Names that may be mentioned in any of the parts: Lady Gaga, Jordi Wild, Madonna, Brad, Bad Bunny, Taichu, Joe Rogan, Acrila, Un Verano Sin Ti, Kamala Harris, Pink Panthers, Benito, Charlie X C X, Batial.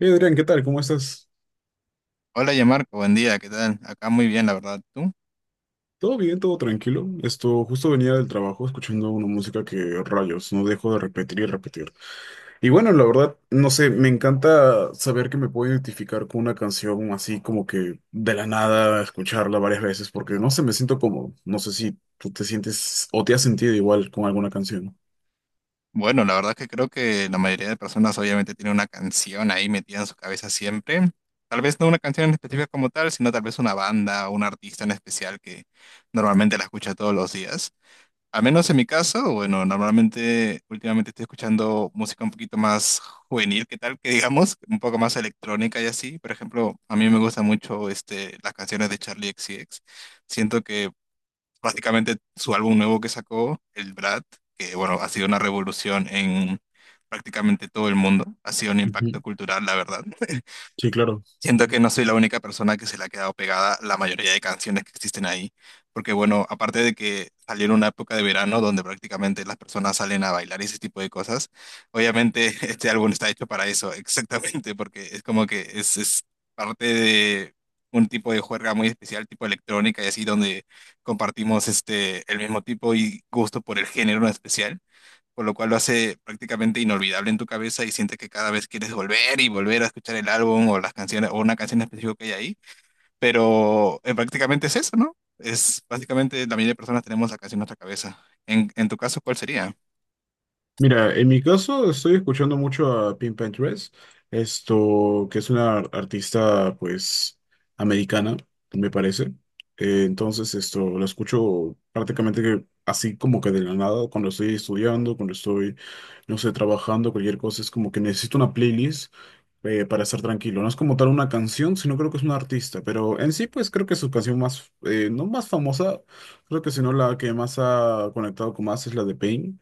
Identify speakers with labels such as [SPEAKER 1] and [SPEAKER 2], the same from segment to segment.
[SPEAKER 1] Hey Adrián, ¿qué tal? ¿Cómo estás?
[SPEAKER 2] Hola, Yamarco, buen día, ¿qué tal? Acá muy bien, la verdad. ¿Tú?
[SPEAKER 1] ¿Todo bien? ¿Todo tranquilo? Esto, justo venía del trabajo escuchando una música que rayos, no dejo de repetir y repetir. Y bueno, la verdad, no sé, me encanta saber que me puedo identificar con una canción así como que de la nada, escucharla varias veces, porque no sé, me siento cómodo. No sé si tú te sientes o te has sentido igual con alguna canción.
[SPEAKER 2] Bueno, la verdad es que creo que la mayoría de personas obviamente tienen una canción ahí metida en su cabeza siempre. Tal vez no una canción en específica como tal, sino tal vez una banda o un artista en especial que normalmente la escucha todos los días. Al menos en mi caso, bueno, normalmente últimamente estoy escuchando música un poquito más juvenil, ¿qué tal? Que digamos, un poco más electrónica y así. Por ejemplo, a mí me gusta mucho las canciones de Charlie X C X. Siento que prácticamente su álbum nuevo que sacó, el Brad, que bueno, ha sido una revolución en prácticamente todo el mundo, ha sido un
[SPEAKER 1] Ujú.
[SPEAKER 2] impacto cultural, la verdad.
[SPEAKER 1] Sí, claro.
[SPEAKER 2] Siento que no soy la única persona que se le ha quedado pegada la mayoría de canciones que existen ahí, porque bueno, aparte de que salió en una época de verano donde prácticamente las personas salen a bailar y ese tipo de cosas, obviamente este álbum está hecho para eso, exactamente, porque es como que es parte de un tipo de juerga muy especial, tipo electrónica y así, donde compartimos el mismo tipo y gusto por el género en especial, por lo cual lo hace prácticamente inolvidable en tu cabeza y sientes que cada vez quieres volver y volver a escuchar el álbum o las canciones o una canción específica que hay ahí, pero prácticamente es eso, ¿no? Es básicamente la mayoría de personas tenemos la canción en nuestra cabeza. En tu caso, ¿cuál sería?
[SPEAKER 1] Mira, en mi caso estoy escuchando mucho a Pink Panthers, esto que es una artista pues americana, me parece. Entonces esto lo escucho prácticamente que así como que de la nada, cuando estoy estudiando, cuando estoy, no sé, trabajando, cualquier cosa, es como que necesito una playlist para estar tranquilo. No es como tal una canción, sino creo que es un artista, pero en sí pues creo que su canción más, no más famosa, creo que sino la que más ha conectado con más es la de Pain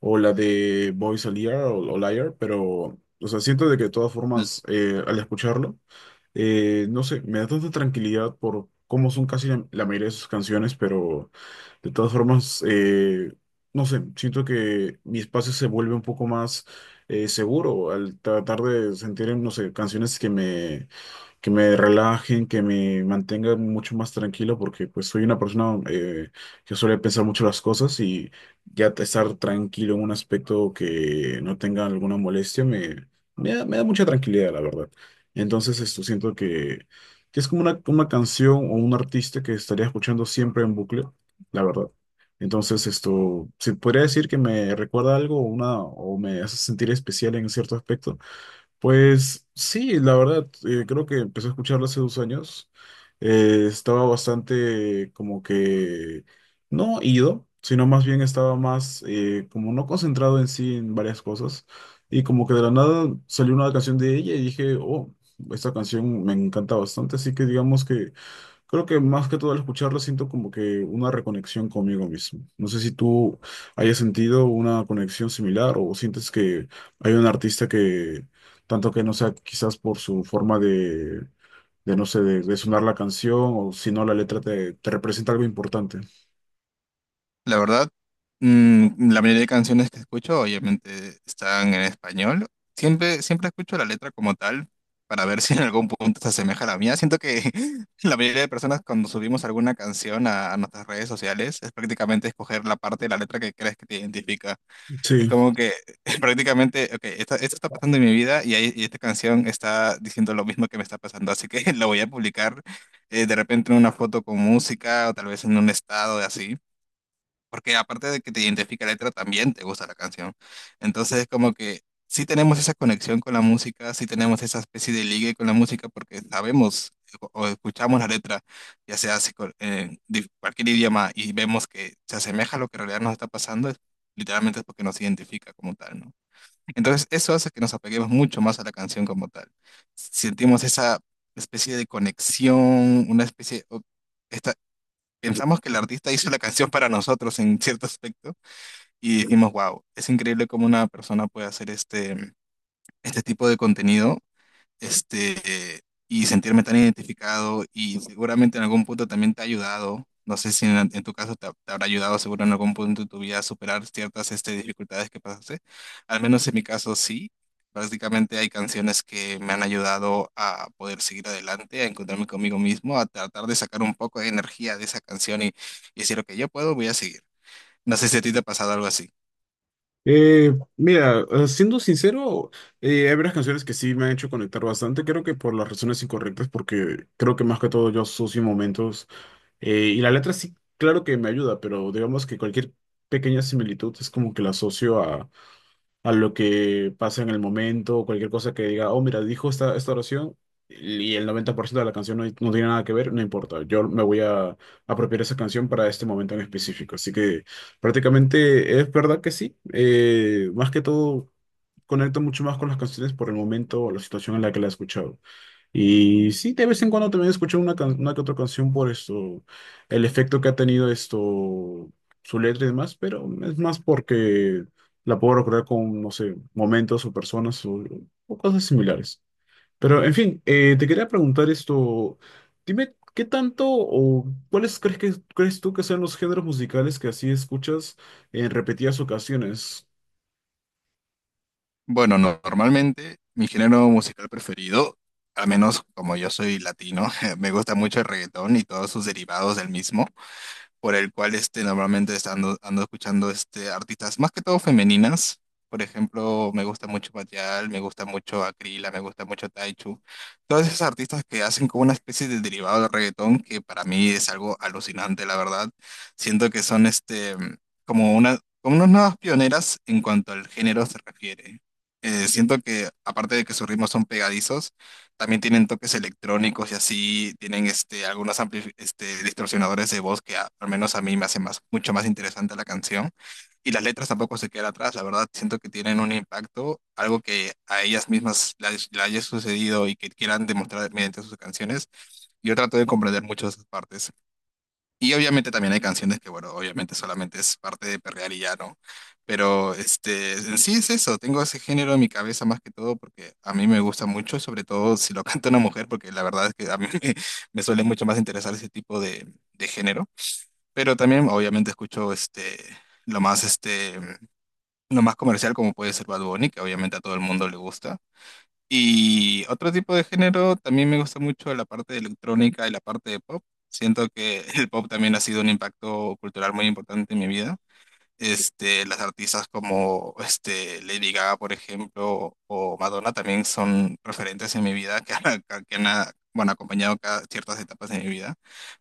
[SPEAKER 1] o la de Voice Liar o Liar, pero, o sea, siento de que de todas formas, al escucharlo, no sé, me da tanta tranquilidad por cómo son casi la mayoría de sus canciones, pero de todas formas, no sé, siento que mi espacio se vuelve un poco más seguro al tratar de sentir, no sé, canciones que me relajen, que me mantengan mucho más tranquilo, porque pues soy una persona que suele pensar mucho las cosas y ya estar tranquilo en un aspecto que no tenga alguna molestia me da mucha tranquilidad, la verdad. Entonces, esto siento que es como una canción o un artista que estaría escuchando siempre en bucle, la verdad. Entonces, esto, se podría decir que me recuerda algo o me hace sentir especial en cierto aspecto. Pues sí, la verdad, creo que empecé a escucharlo hace 2 años. Estaba bastante como que no ido, sino más bien estaba más como no concentrado en sí en varias cosas. Y como que de la nada salió una canción de ella y dije, oh, esta canción me encanta bastante. Así que digamos que creo que más que todo al escucharlo siento como que una reconexión conmigo mismo. No sé si tú hayas sentido una conexión similar o sientes que hay un artista que, tanto que no sea quizás por su forma de no sé, de sonar la canción o si no la letra te representa algo importante.
[SPEAKER 2] La verdad, la mayoría de canciones que escucho obviamente están en español. Siempre, siempre escucho la letra como tal para ver si en algún punto se asemeja a la mía. Siento que la mayoría de personas cuando subimos alguna canción a nuestras redes sociales es prácticamente escoger la parte de la letra que crees que te identifica. Es
[SPEAKER 1] Sí.
[SPEAKER 2] como que prácticamente, ok, esto está pasando en mi vida y esta canción está diciendo lo mismo que me está pasando, así que lo voy a publicar de repente en una foto con música o tal vez en un estado así, porque aparte de que te identifica la letra, también te gusta la canción. Entonces, como que sí tenemos esa conexión con la música, sí tenemos esa especie de ligue con la música, porque sabemos o escuchamos la letra, ya sea si cualquier idioma, y vemos que se asemeja a lo que en realidad nos está pasando, literalmente es porque nos identifica como tal, ¿no? Entonces, eso hace que nos apeguemos mucho más a la canción como tal. Sentimos esa especie de conexión, una especie, esta- pensamos que el artista hizo la canción para nosotros en cierto aspecto y dijimos, wow, es increíble cómo una persona puede hacer este tipo de contenido, este, y sentirme tan identificado, y seguramente en algún punto también te ha ayudado. No sé si en tu caso te habrá ayudado seguro en algún punto de tu vida a superar ciertas dificultades que pasaste. Al menos en mi caso sí. Prácticamente hay canciones que me han ayudado a poder seguir adelante, a encontrarme conmigo mismo, a tratar de sacar un poco de energía de esa canción y decir, ok, yo puedo, voy a seguir. No sé si a ti te ha pasado algo así.
[SPEAKER 1] Mira, siendo sincero, hay varias canciones que sí me han hecho conectar bastante, creo que por las razones incorrectas, porque creo que más que todo yo asocio momentos. Y la letra sí, claro que me ayuda, pero digamos que cualquier pequeña similitud es como que la asocio a lo que pasa en el momento, o cualquier cosa que diga, oh, mira, dijo esta oración y el 90% de la canción no tiene nada que ver, no importa, yo me voy a apropiar esa canción para este momento en específico. Así que prácticamente es verdad que sí, más que todo conecto mucho más con las canciones por el momento o la situación en la que la he escuchado. Y sí, de vez en cuando también escucho una que otra canción por esto, el efecto que ha tenido esto, su letra y demás, pero es más porque la puedo recordar con, no sé, momentos o personas o cosas similares. Pero, en fin, te quería preguntar esto, dime, ¿qué tanto o cuáles crees que, crees tú que sean los géneros musicales que así escuchas en repetidas ocasiones?
[SPEAKER 2] Bueno, normalmente mi género musical preferido, al menos como yo soy latino, me gusta mucho el reggaetón y todos sus derivados del mismo, por el cual normalmente ando escuchando artistas más que todo femeninas. Por ejemplo, me gusta mucho Batial, me gusta mucho Acrila, me gusta mucho Taichu. Todas esas artistas que hacen como una especie de derivado del reggaetón que para mí es algo alucinante, la verdad. Siento que son como unas nuevas pioneras en cuanto al género se refiere. Siento que aparte de que sus ritmos son pegadizos, también tienen toques electrónicos y así, tienen algunos distorsionadores de voz que al menos a mí me hace más, mucho más interesante la canción. Y las letras tampoco se quedan atrás, la verdad, siento que tienen un impacto, algo que a ellas mismas le haya sucedido y que quieran demostrar mediante sus canciones. Yo trato de comprender mucho esas partes. Y obviamente también hay canciones que, bueno, obviamente solamente es parte de perrear y ya, ¿no? Pero en sí es eso, tengo ese género en mi cabeza más que todo porque a mí me gusta mucho, sobre todo si lo canta una mujer, porque la verdad es que a mí me suele mucho más interesar ese tipo de género. Pero también obviamente escucho lo más, este, lo más comercial como puede ser Bad Bunny, que obviamente a todo el mundo le gusta. Y otro tipo de género, también me gusta mucho la parte de electrónica y la parte de pop. Siento que el pop también ha sido un impacto cultural muy importante en mi vida. Las artistas como Lady Gaga, por ejemplo, o Madonna también son referentes en mi vida que han, ah, bueno, acompañado ciertas etapas de mi vida.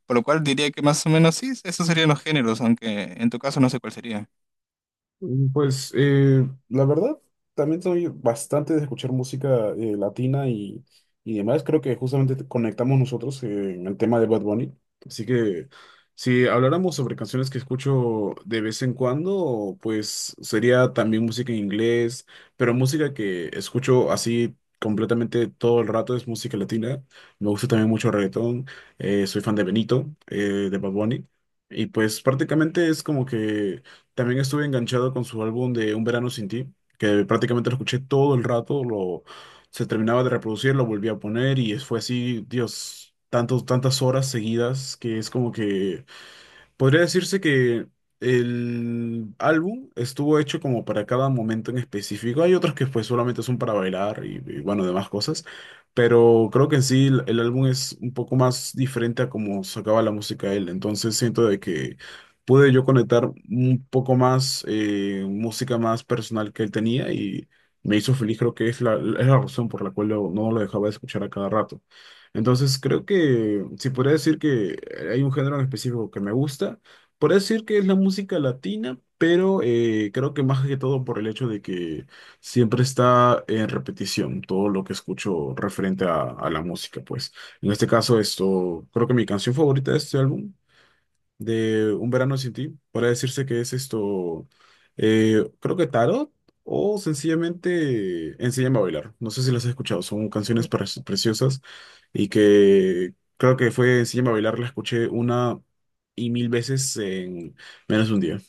[SPEAKER 2] Por lo cual diría que más o menos sí, esos serían los géneros, aunque en tu caso no sé cuál sería.
[SPEAKER 1] Mm, pues la verdad, también soy bastante de escuchar música latina y demás. Creo que justamente conectamos nosotros en el tema de Bad Bunny. Así que si habláramos sobre canciones que escucho de vez en cuando, pues sería también música en inglés, pero música que escucho así completamente todo el rato es música latina. Me gusta también mucho el reggaetón. Soy fan de Benito, de Bad Bunny. Y pues prácticamente es como que... También estuve enganchado con su álbum de Un Verano Sin Ti, que prácticamente lo escuché todo el rato, lo, se terminaba de reproducir, lo volví a poner y fue así, Dios, tantas horas seguidas que es como que podría decirse que el álbum estuvo hecho como para cada momento en específico. Hay otros que pues solamente son para bailar y, bueno, demás cosas. Pero creo que en sí el álbum es un poco más diferente a cómo sacaba la música él. Entonces siento de que pude yo conectar un poco más música más personal que él tenía y me hizo feliz. Creo que es es la razón por la cual no lo dejaba de escuchar a cada rato. Entonces, creo que si podría decir que hay un género en específico que me gusta, podría decir que es la música latina, pero creo que más que todo por el hecho de que siempre está en repetición todo lo que escucho referente a la música, pues. En este caso, esto, creo que mi canción favorita de este álbum de Un verano sin ti, para decirse que es esto, creo que tarot o sencillamente Enséñame a bailar. No sé si las has escuchado, son canciones preciosas y que creo que fue Enséñame a bailar, la escuché una y mil veces en menos de un día.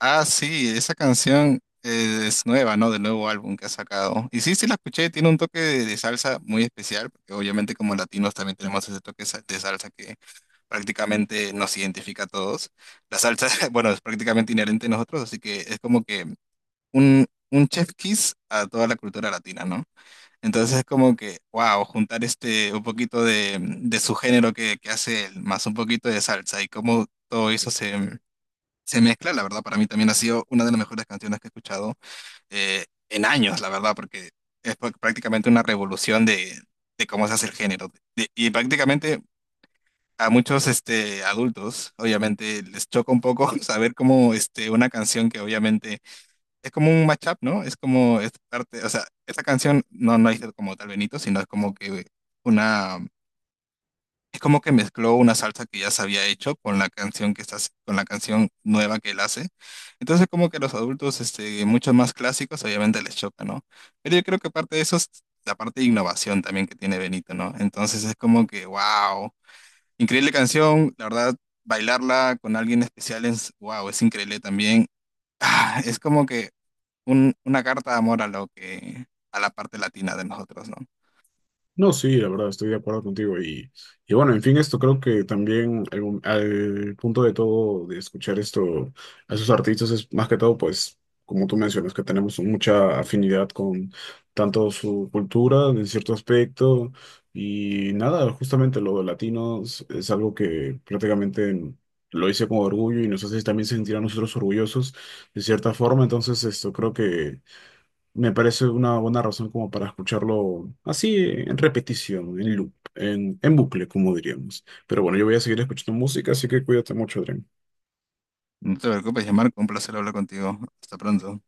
[SPEAKER 2] Ah, sí, esa canción es nueva, ¿no? Del nuevo álbum que ha sacado. Y sí, sí la escuché, tiene un toque de salsa muy especial, porque obviamente como latinos también tenemos ese toque de salsa que prácticamente nos identifica a todos. La salsa, bueno, es prácticamente inherente a nosotros, así que es como que un chef kiss a toda la cultura latina, ¿no? Entonces es como que, wow, juntar un poquito de su género que hace él, más un poquito de salsa y cómo todo eso se mezcla, la verdad, para mí también ha sido una de las mejores canciones que he escuchado en años, la verdad, porque es prácticamente una revolución de cómo se hace el género. Y prácticamente a muchos adultos, obviamente, les choca un poco saber cómo una canción que obviamente es como un mashup, ¿no? Es como, es parte, o sea, esta canción no es como tal Benito, sino es como que una... Es como que mezcló una salsa que ya se había hecho con la canción que está, con la canción nueva que él hace. Entonces como que los adultos, mucho más clásicos, obviamente les choca, ¿no? Pero yo creo que parte de eso es la parte de innovación también que tiene Benito, ¿no? Entonces es como que, wow, increíble canción, la verdad, bailarla con alguien especial es, wow, es increíble también. Ah, es como que una carta de amor a lo que, a la parte latina de nosotros, ¿no?
[SPEAKER 1] No, sí, la verdad, estoy de acuerdo contigo. Y bueno, en fin, esto creo que también al punto de todo de escuchar esto a esos artistas es más que todo, pues, como tú mencionas, que tenemos mucha afinidad con tanto su cultura en cierto aspecto y nada, justamente lo de latinos es algo que prácticamente lo hice con orgullo y nos hace también sentir a nosotros orgullosos de cierta forma. Entonces, esto creo que... Me parece una buena razón como para escucharlo así en repetición, en loop, en bucle, como diríamos. Pero bueno, yo voy a seguir escuchando música, así que cuídate mucho, Adrián.
[SPEAKER 2] No te preocupes, llamar, un placer hablar contigo. Hasta pronto.